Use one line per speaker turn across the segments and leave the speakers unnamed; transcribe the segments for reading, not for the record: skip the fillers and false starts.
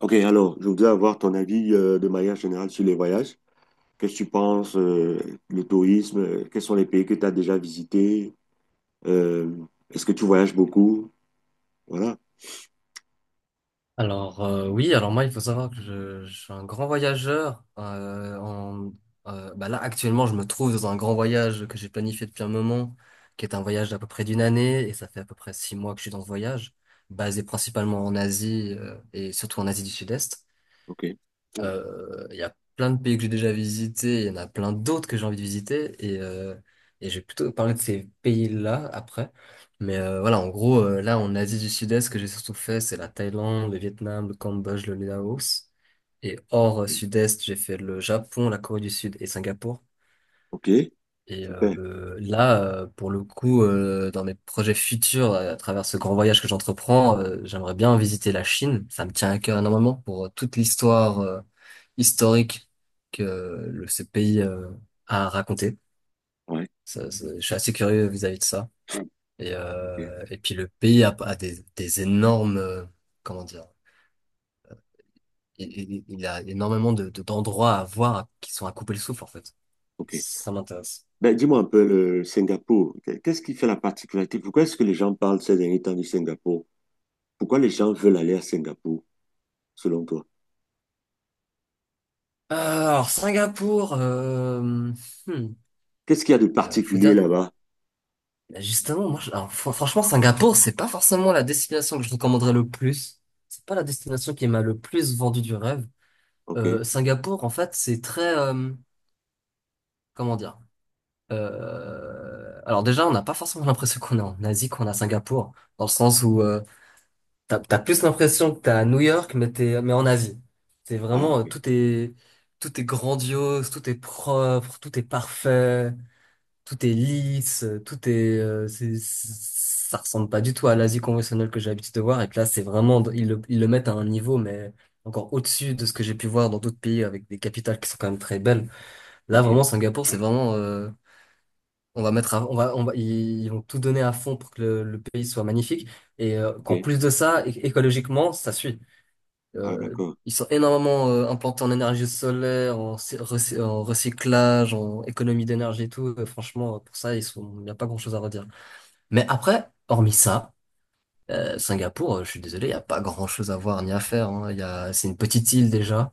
Ok, alors, je voudrais avoir ton avis de manière générale sur les voyages. Qu'est-ce que tu penses, le tourisme, quels sont les pays que tu as déjà visités? Euh, est-ce que tu voyages beaucoup? Voilà.
Alors oui, alors moi il faut savoir que je suis un grand voyageur. Bah là actuellement je me trouve dans un grand voyage que j'ai planifié depuis un moment, qui est un voyage d'à peu près d'une année et ça fait à peu près 6 mois que je suis dans ce voyage, basé principalement en Asie et surtout en Asie du Sud-Est.
Ok.
Il y a plein de pays que j'ai déjà visités, il y en a plein d'autres que j'ai envie de visiter, et je vais plutôt parler de ces pays-là après. Mais voilà, en gros, là, en Asie du Sud-Est, ce que j'ai surtout fait, c'est la Thaïlande, le Vietnam, le Cambodge, le Laos. Et hors Sud-Est, j'ai fait le Japon, la Corée du Sud et Singapour.
Ok,
Et
super.
là, pour le coup, dans mes projets futurs, à travers ce grand voyage que j'entreprends, j'aimerais bien visiter la Chine. Ça me tient à cœur énormément pour toute l'histoire historique que ce pays a raconté.
Ouais.
Je suis assez curieux vis-à-vis de ça.
Ok.
Et puis le pays a des énormes, comment dire, il a énormément d'endroits à voir qui sont à couper le souffle en fait.
Ok.
Ça m'intéresse.
Ben, dis-moi un peu le Singapour. Qu'est-ce qui fait la particularité? Pourquoi est-ce que les gens parlent ces derniers temps du Singapour? Pourquoi les gens veulent aller à Singapour, selon toi?
Euh, alors Singapour. Hmm.
Qu'est-ce qu'il y a de
Faut
particulier
dire,
là-bas?
bah, justement, alors, franchement, Singapour, c'est pas forcément la destination que je recommanderais le plus. C'est pas la destination qui m'a le plus vendu du rêve.
Ok.
Singapour, en fait, c'est très, comment dire? Alors déjà, on n'a pas forcément l'impression qu'on est en Asie, qu'on a à Singapour, dans le sens où t'as plus l'impression que t'es à New York, mais t'es, mais en Asie. C'est
Ah,
vraiment,
ok.
tout est grandiose, tout est propre, tout est parfait. Tout est lisse, tout est, ça ressemble pas du tout à l'Asie conventionnelle que j'ai l'habitude de voir. Et que là, c'est vraiment, ils le mettent à un niveau, mais encore au-dessus de ce que j'ai pu voir dans d'autres pays avec des capitales qui sont quand même très belles. Là,
Ok.
vraiment, Singapour, c'est vraiment, on va mettre, ils vont tout donner à fond pour que le pays soit magnifique. Et
Ok.
qu'en plus de ça, écologiquement, ça suit.
Ah,
Euh,
d'accord.
Ils sont énormément implantés en énergie solaire, en recyclage, en économie d'énergie et tout. Franchement, pour ça, ils sont, il n'y a pas grand-chose à redire. Mais après, hormis ça, Singapour, je suis désolé, il n'y a pas grand-chose à voir ni à faire. Hein. C'est une petite île déjà.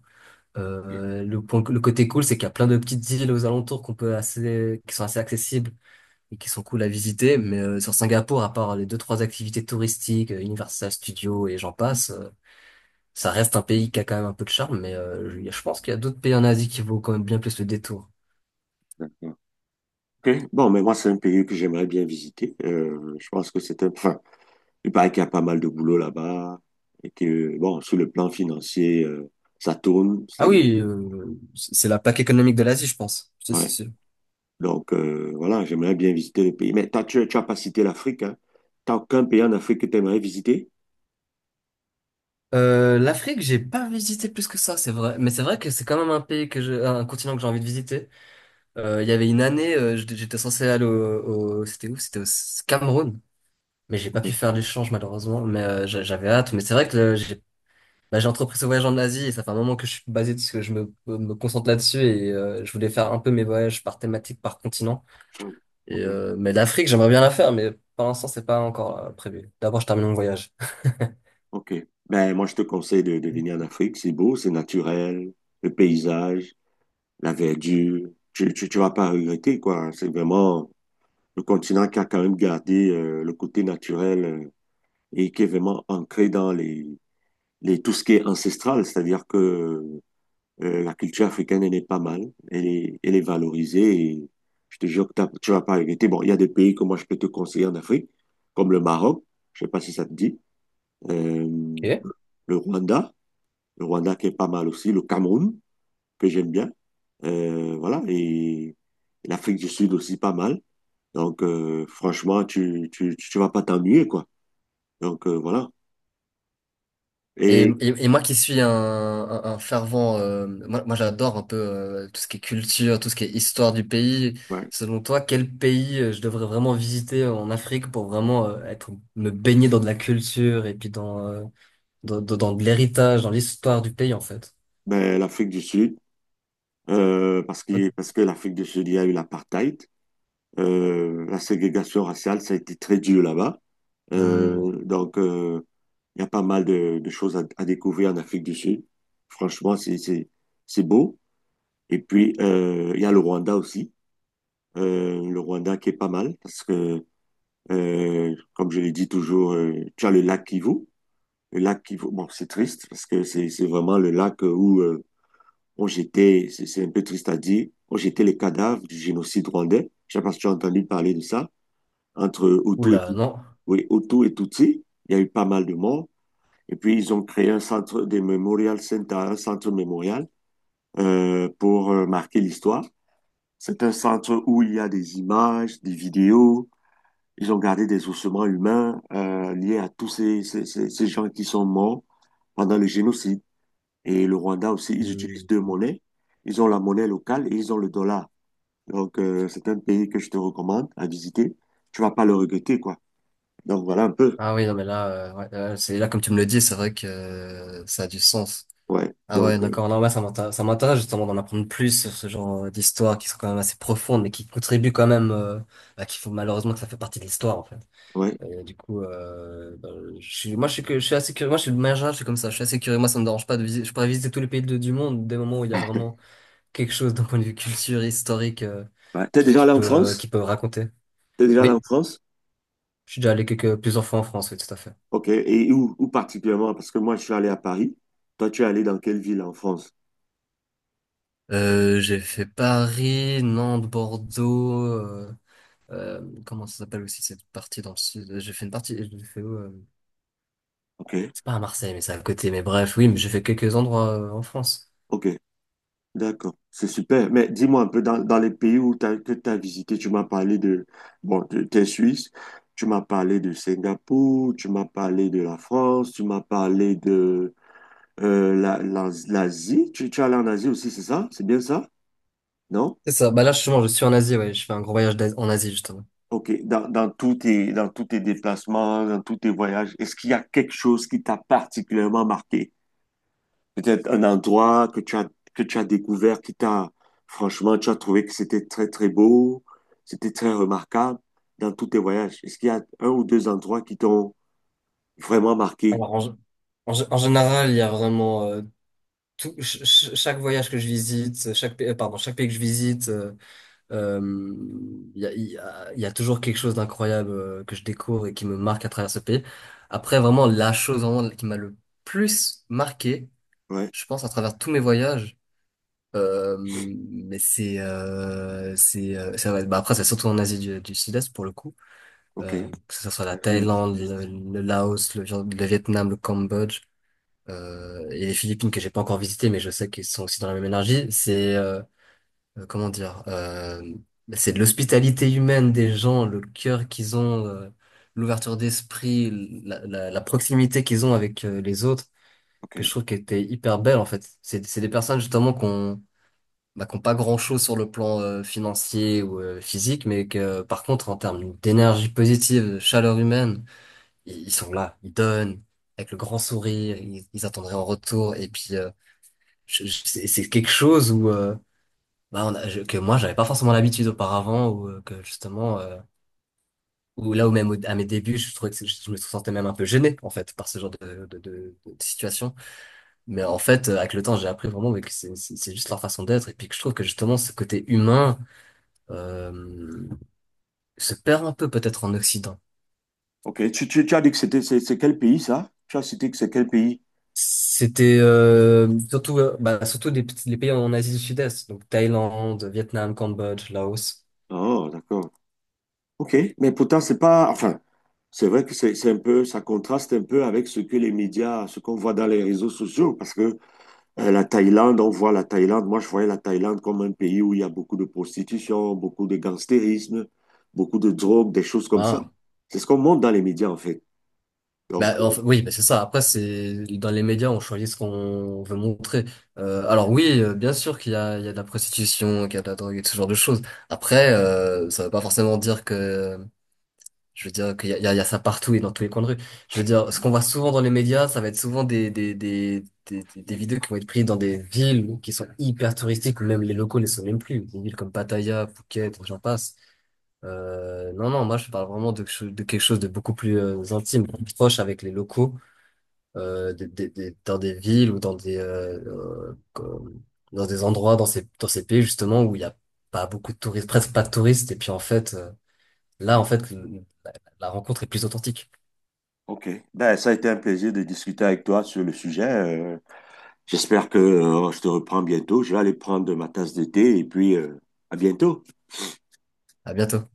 Ok.
Le côté cool, c'est qu'il y a plein de petites îles aux alentours qui sont assez accessibles et qui sont cool à visiter. Mais sur Singapour, à part les deux, trois activités touristiques, Universal Studios et j'en passe. Ça reste un pays qui a quand même un peu de charme, mais je pense qu'il y a d'autres pays en Asie qui vaut quand même bien plus le détour.
D'accord. Ok. Bon, mais moi, c'est un pays que j'aimerais bien visiter. Je pense que c'est un... Enfin, il paraît qu'il y a pas mal de boulot là-bas et que, bon, sur le plan financier, ça tourne,
Ah
c'est-à-dire...
oui, c'est la plaque économique de l'Asie, je pense. C'est
Ouais.
sûr.
Donc, voilà, j'aimerais bien visiter le pays. Mais tu as pas cité l'Afrique, hein? T'as aucun pays en Afrique que tu aimerais visiter?
L'Afrique, j'ai pas visité plus que ça, c'est vrai. Mais c'est vrai que c'est quand même un pays que je, un continent que j'ai envie de visiter. Il y avait une année, j'étais censé aller c'était où? C'était au Cameroun. Mais j'ai pas
Ok.
pu faire l'échange malheureusement. Mais j'avais hâte. Mais c'est vrai que j'ai bah, j'ai entrepris ce voyage en Asie et ça fait un moment que je suis basé parce que je me concentre là-dessus et je voulais faire un peu mes voyages par thématique, par continent.
Ok.
Mais l'Afrique, j'aimerais bien la faire, mais pour l'instant, c'est pas encore prévu. D'abord, je termine mon voyage.
Ok. Ben, moi, je te conseille de venir en Afrique. C'est beau, c'est naturel, le paysage, la verdure. Tu vas pas regretter, quoi. C'est vraiment... le continent qui a quand même gardé le côté naturel et qui est vraiment ancré dans les tout ce qui est ancestral, c'est-à-dire que la culture africaine, elle est pas mal, elle est valorisée et je te jure que tu vas pas regretter. Bon, il y a des pays que moi je peux te conseiller en Afrique, comme le Maroc, je sais pas si ça te dit, euh,
Ok.
le Rwanda, le Rwanda qui est pas mal aussi, le Cameroun, que j'aime bien, voilà, et l'Afrique du Sud aussi pas mal. Donc, franchement, tu vas pas t'ennuyer, quoi. Donc, voilà.
Et,
Et
et, et moi qui suis un fervent, moi j'adore un peu tout ce qui est culture, tout ce qui est histoire du pays.
ouais,
Selon toi, quel pays je devrais vraiment visiter en Afrique pour vraiment me baigner dans de la culture et puis dans, dans de l'héritage, dans l'histoire du pays en fait?
ben, l'Afrique du Sud, parce que l'Afrique du Sud, il y a eu l'apartheid. La ségrégation raciale, ça a été très dur là-bas.
Hmm.
Donc, il y a pas mal de choses à découvrir en Afrique du Sud. Franchement, c'est beau. Et puis, il y a le Rwanda aussi. Le Rwanda qui est pas mal parce que, comme je l'ai dit toujours, tu as le lac Kivu. Le lac qui, bon, c'est triste parce que c'est vraiment le lac où on jetait, c'est un peu triste à dire, on jetait les cadavres du génocide rwandais. Je ne sais pas si tu as entendu parler de ça, entre Hutu et,
Oula,
Tutsi.
non.
Oui, Hutu et Tutsi. Il y a eu pas mal de morts. Et puis, ils ont créé un centre de Memorial Center, un centre mémorial pour marquer l'histoire. C'est un centre où il y a des images, des vidéos. Ils ont gardé des ossements humains liés à tous ces gens qui sont morts pendant le génocide. Et le Rwanda aussi, ils
Hmm.
utilisent deux monnaies. Ils ont la monnaie locale et ils ont le dollar. Donc, c'est un pays que je te recommande à visiter. Tu vas pas le regretter, quoi. Donc, voilà un peu.
Ah oui, non, mais là, ouais, c'est là comme tu me le dis, c'est vrai que ça a du sens.
Ouais.
Ah ouais,
Donc,
d'accord. Non, ouais, ça m'intéresse justement d'en apprendre plus sur ce genre d'histoires qui sont quand même assez profondes, mais qui contribuent quand même, bah, qu'il faut malheureusement que ça fait partie de l'histoire en fait.
ouais.
Et du coup, bah, je suis assez curieux. Moi, je suis de manière générale, je suis comme ça. Je suis assez curieux. Moi, ça me dérange pas de visiter. Je pourrais visiter tous les pays du monde dès le moment où il y a vraiment quelque chose d'un point de vue culture, historique,
Ouais. T'es
qui,
déjà
qui
allé en
peut, qui
France?
peut raconter.
T'es déjà allé en
Oui.
France?
Je suis déjà allé plusieurs fois en France, oui, tout à fait.
OK. Et où particulièrement? Parce que moi, je suis allé à Paris. Toi, tu es allé dans quelle ville en France?
J'ai fait Paris, Nantes, Bordeaux. Comment ça s'appelle aussi cette partie dans le sud? J'ai fait une partie. J'ai fait où,
OK.
c'est pas à Marseille, mais c'est à côté. Mais bref, oui, mais j'ai fait quelques endroits en France.
OK. D'accord, c'est super. Mais dis-moi un peu, dans les pays où t'as, que tu as visité, tu m'as parlé de, bon, tu es Suisse, tu m'as parlé de Singapour, tu m'as parlé de la France, tu m'as parlé de l'Asie. Tu es allé en Asie aussi, c'est ça? C'est bien ça? Non?
C'est ça. Bah là, justement, je suis en Asie. Ouais, je fais un gros voyage en Asie justement.
Ok, dans tous tes déplacements, dans tous tes voyages, est-ce qu'il y a quelque chose qui t'a particulièrement marqué? Peut-être un endroit que tu as découvert, qui t'a, franchement, tu as trouvé que c'était très, très beau, c'était très remarquable dans tous tes voyages. Est-ce qu'il y a un ou deux endroits qui t'ont vraiment marqué?
Alors, en général, il y a vraiment chaque voyage que je visite, pardon, chaque pays que je visite. Euh, il y a toujours quelque chose d'incroyable que je découvre et qui me marque à travers ce pays. Après, vraiment, la chose vraiment qui m'a le plus marqué,
Ouais,
je pense, à travers tous mes voyages, mais c'est, ça va être- bah après, c'est surtout en Asie du Sud-Est pour le coup,
ok.
que ce soit la
Vas-y, le petit
Thaïlande,
test.
le Laos, le Vietnam, le Cambodge, et les Philippines que j'ai pas encore visité, mais je sais qu'ils sont aussi dans la même énergie. C'est comment dire, c'est de l'hospitalité humaine des gens, le cœur qu'ils ont, l'ouverture d'esprit, la proximité qu'ils ont avec les autres,
Ok.
que je trouve qui était hyper belle en fait. C'est des personnes justement qu'on pas grand-chose sur le plan financier ou physique, mais que par contre en termes d'énergie positive, de chaleur humaine, ils sont là, ils donnent avec le grand sourire, ils attendraient en retour et puis c'est quelque chose où bah, on a- je- que moi j'avais pas forcément l'habitude auparavant ou que justement ou là où même à mes débuts je trouvais que je me sentais même un peu gêné en fait par ce genre de situation mais en fait avec le temps j'ai appris vraiment mais que c'est juste leur façon d'être et puis que je trouve que justement ce côté humain euh, se perd un peu peut-être en Occident
Ok, tu as dit que c'était, c'est quel pays ça? Tu as cité que c'est quel pays?
c'était surtout bah, surtout les pays en Asie du Sud-Est donc Thaïlande Vietnam Cambodge Laos.
Oh, d'accord. Ok, mais pourtant, c'est pas, enfin, c'est vrai que c'est un peu, ça contraste un peu avec ce que les médias, ce qu'on voit dans les réseaux sociaux, parce que la Thaïlande, on voit la Thaïlande. Moi, je voyais la Thaïlande comme un pays où il y a beaucoup de prostitution, beaucoup de gangstérisme, beaucoup de drogue, des choses comme ça.
Ah,
C'est ce qu'on montre dans les médias, en fait.
bah,
Donc,
enfin, oui, bah, c'est ça. Après, c'est dans les médias, on choisit ce qu'on veut montrer. Alors oui, bien sûr qu'il y a de la prostitution, qu'il y a de la drogue et ce genre de choses. Après, ça veut pas forcément dire que, je veux dire qu'il y a, il y a il y a ça partout et dans tous les coins de rue. Je veux dire, ce qu'on voit souvent dans les médias, ça va être souvent des vidéos qui vont être prises dans des villes qui sont hyper touristiques, où même les locaux ne sont même plus. Des villes comme Pattaya, Phuket, j'en passe. Non, non, moi je parle vraiment de quelque chose de beaucoup plus intime, proche avec les locaux dans des villes ou euh, comme- dans des endroits, dans ces pays justement où il n'y a pas beaucoup de touristes, presque pas de touristes. Et puis en fait, là, en fait, la rencontre est plus authentique.
OK. Ben, ça a été un plaisir de discuter avec toi sur le sujet. J'espère que je te reprends bientôt. Je vais aller prendre ma tasse de thé et puis à bientôt.
À bientôt.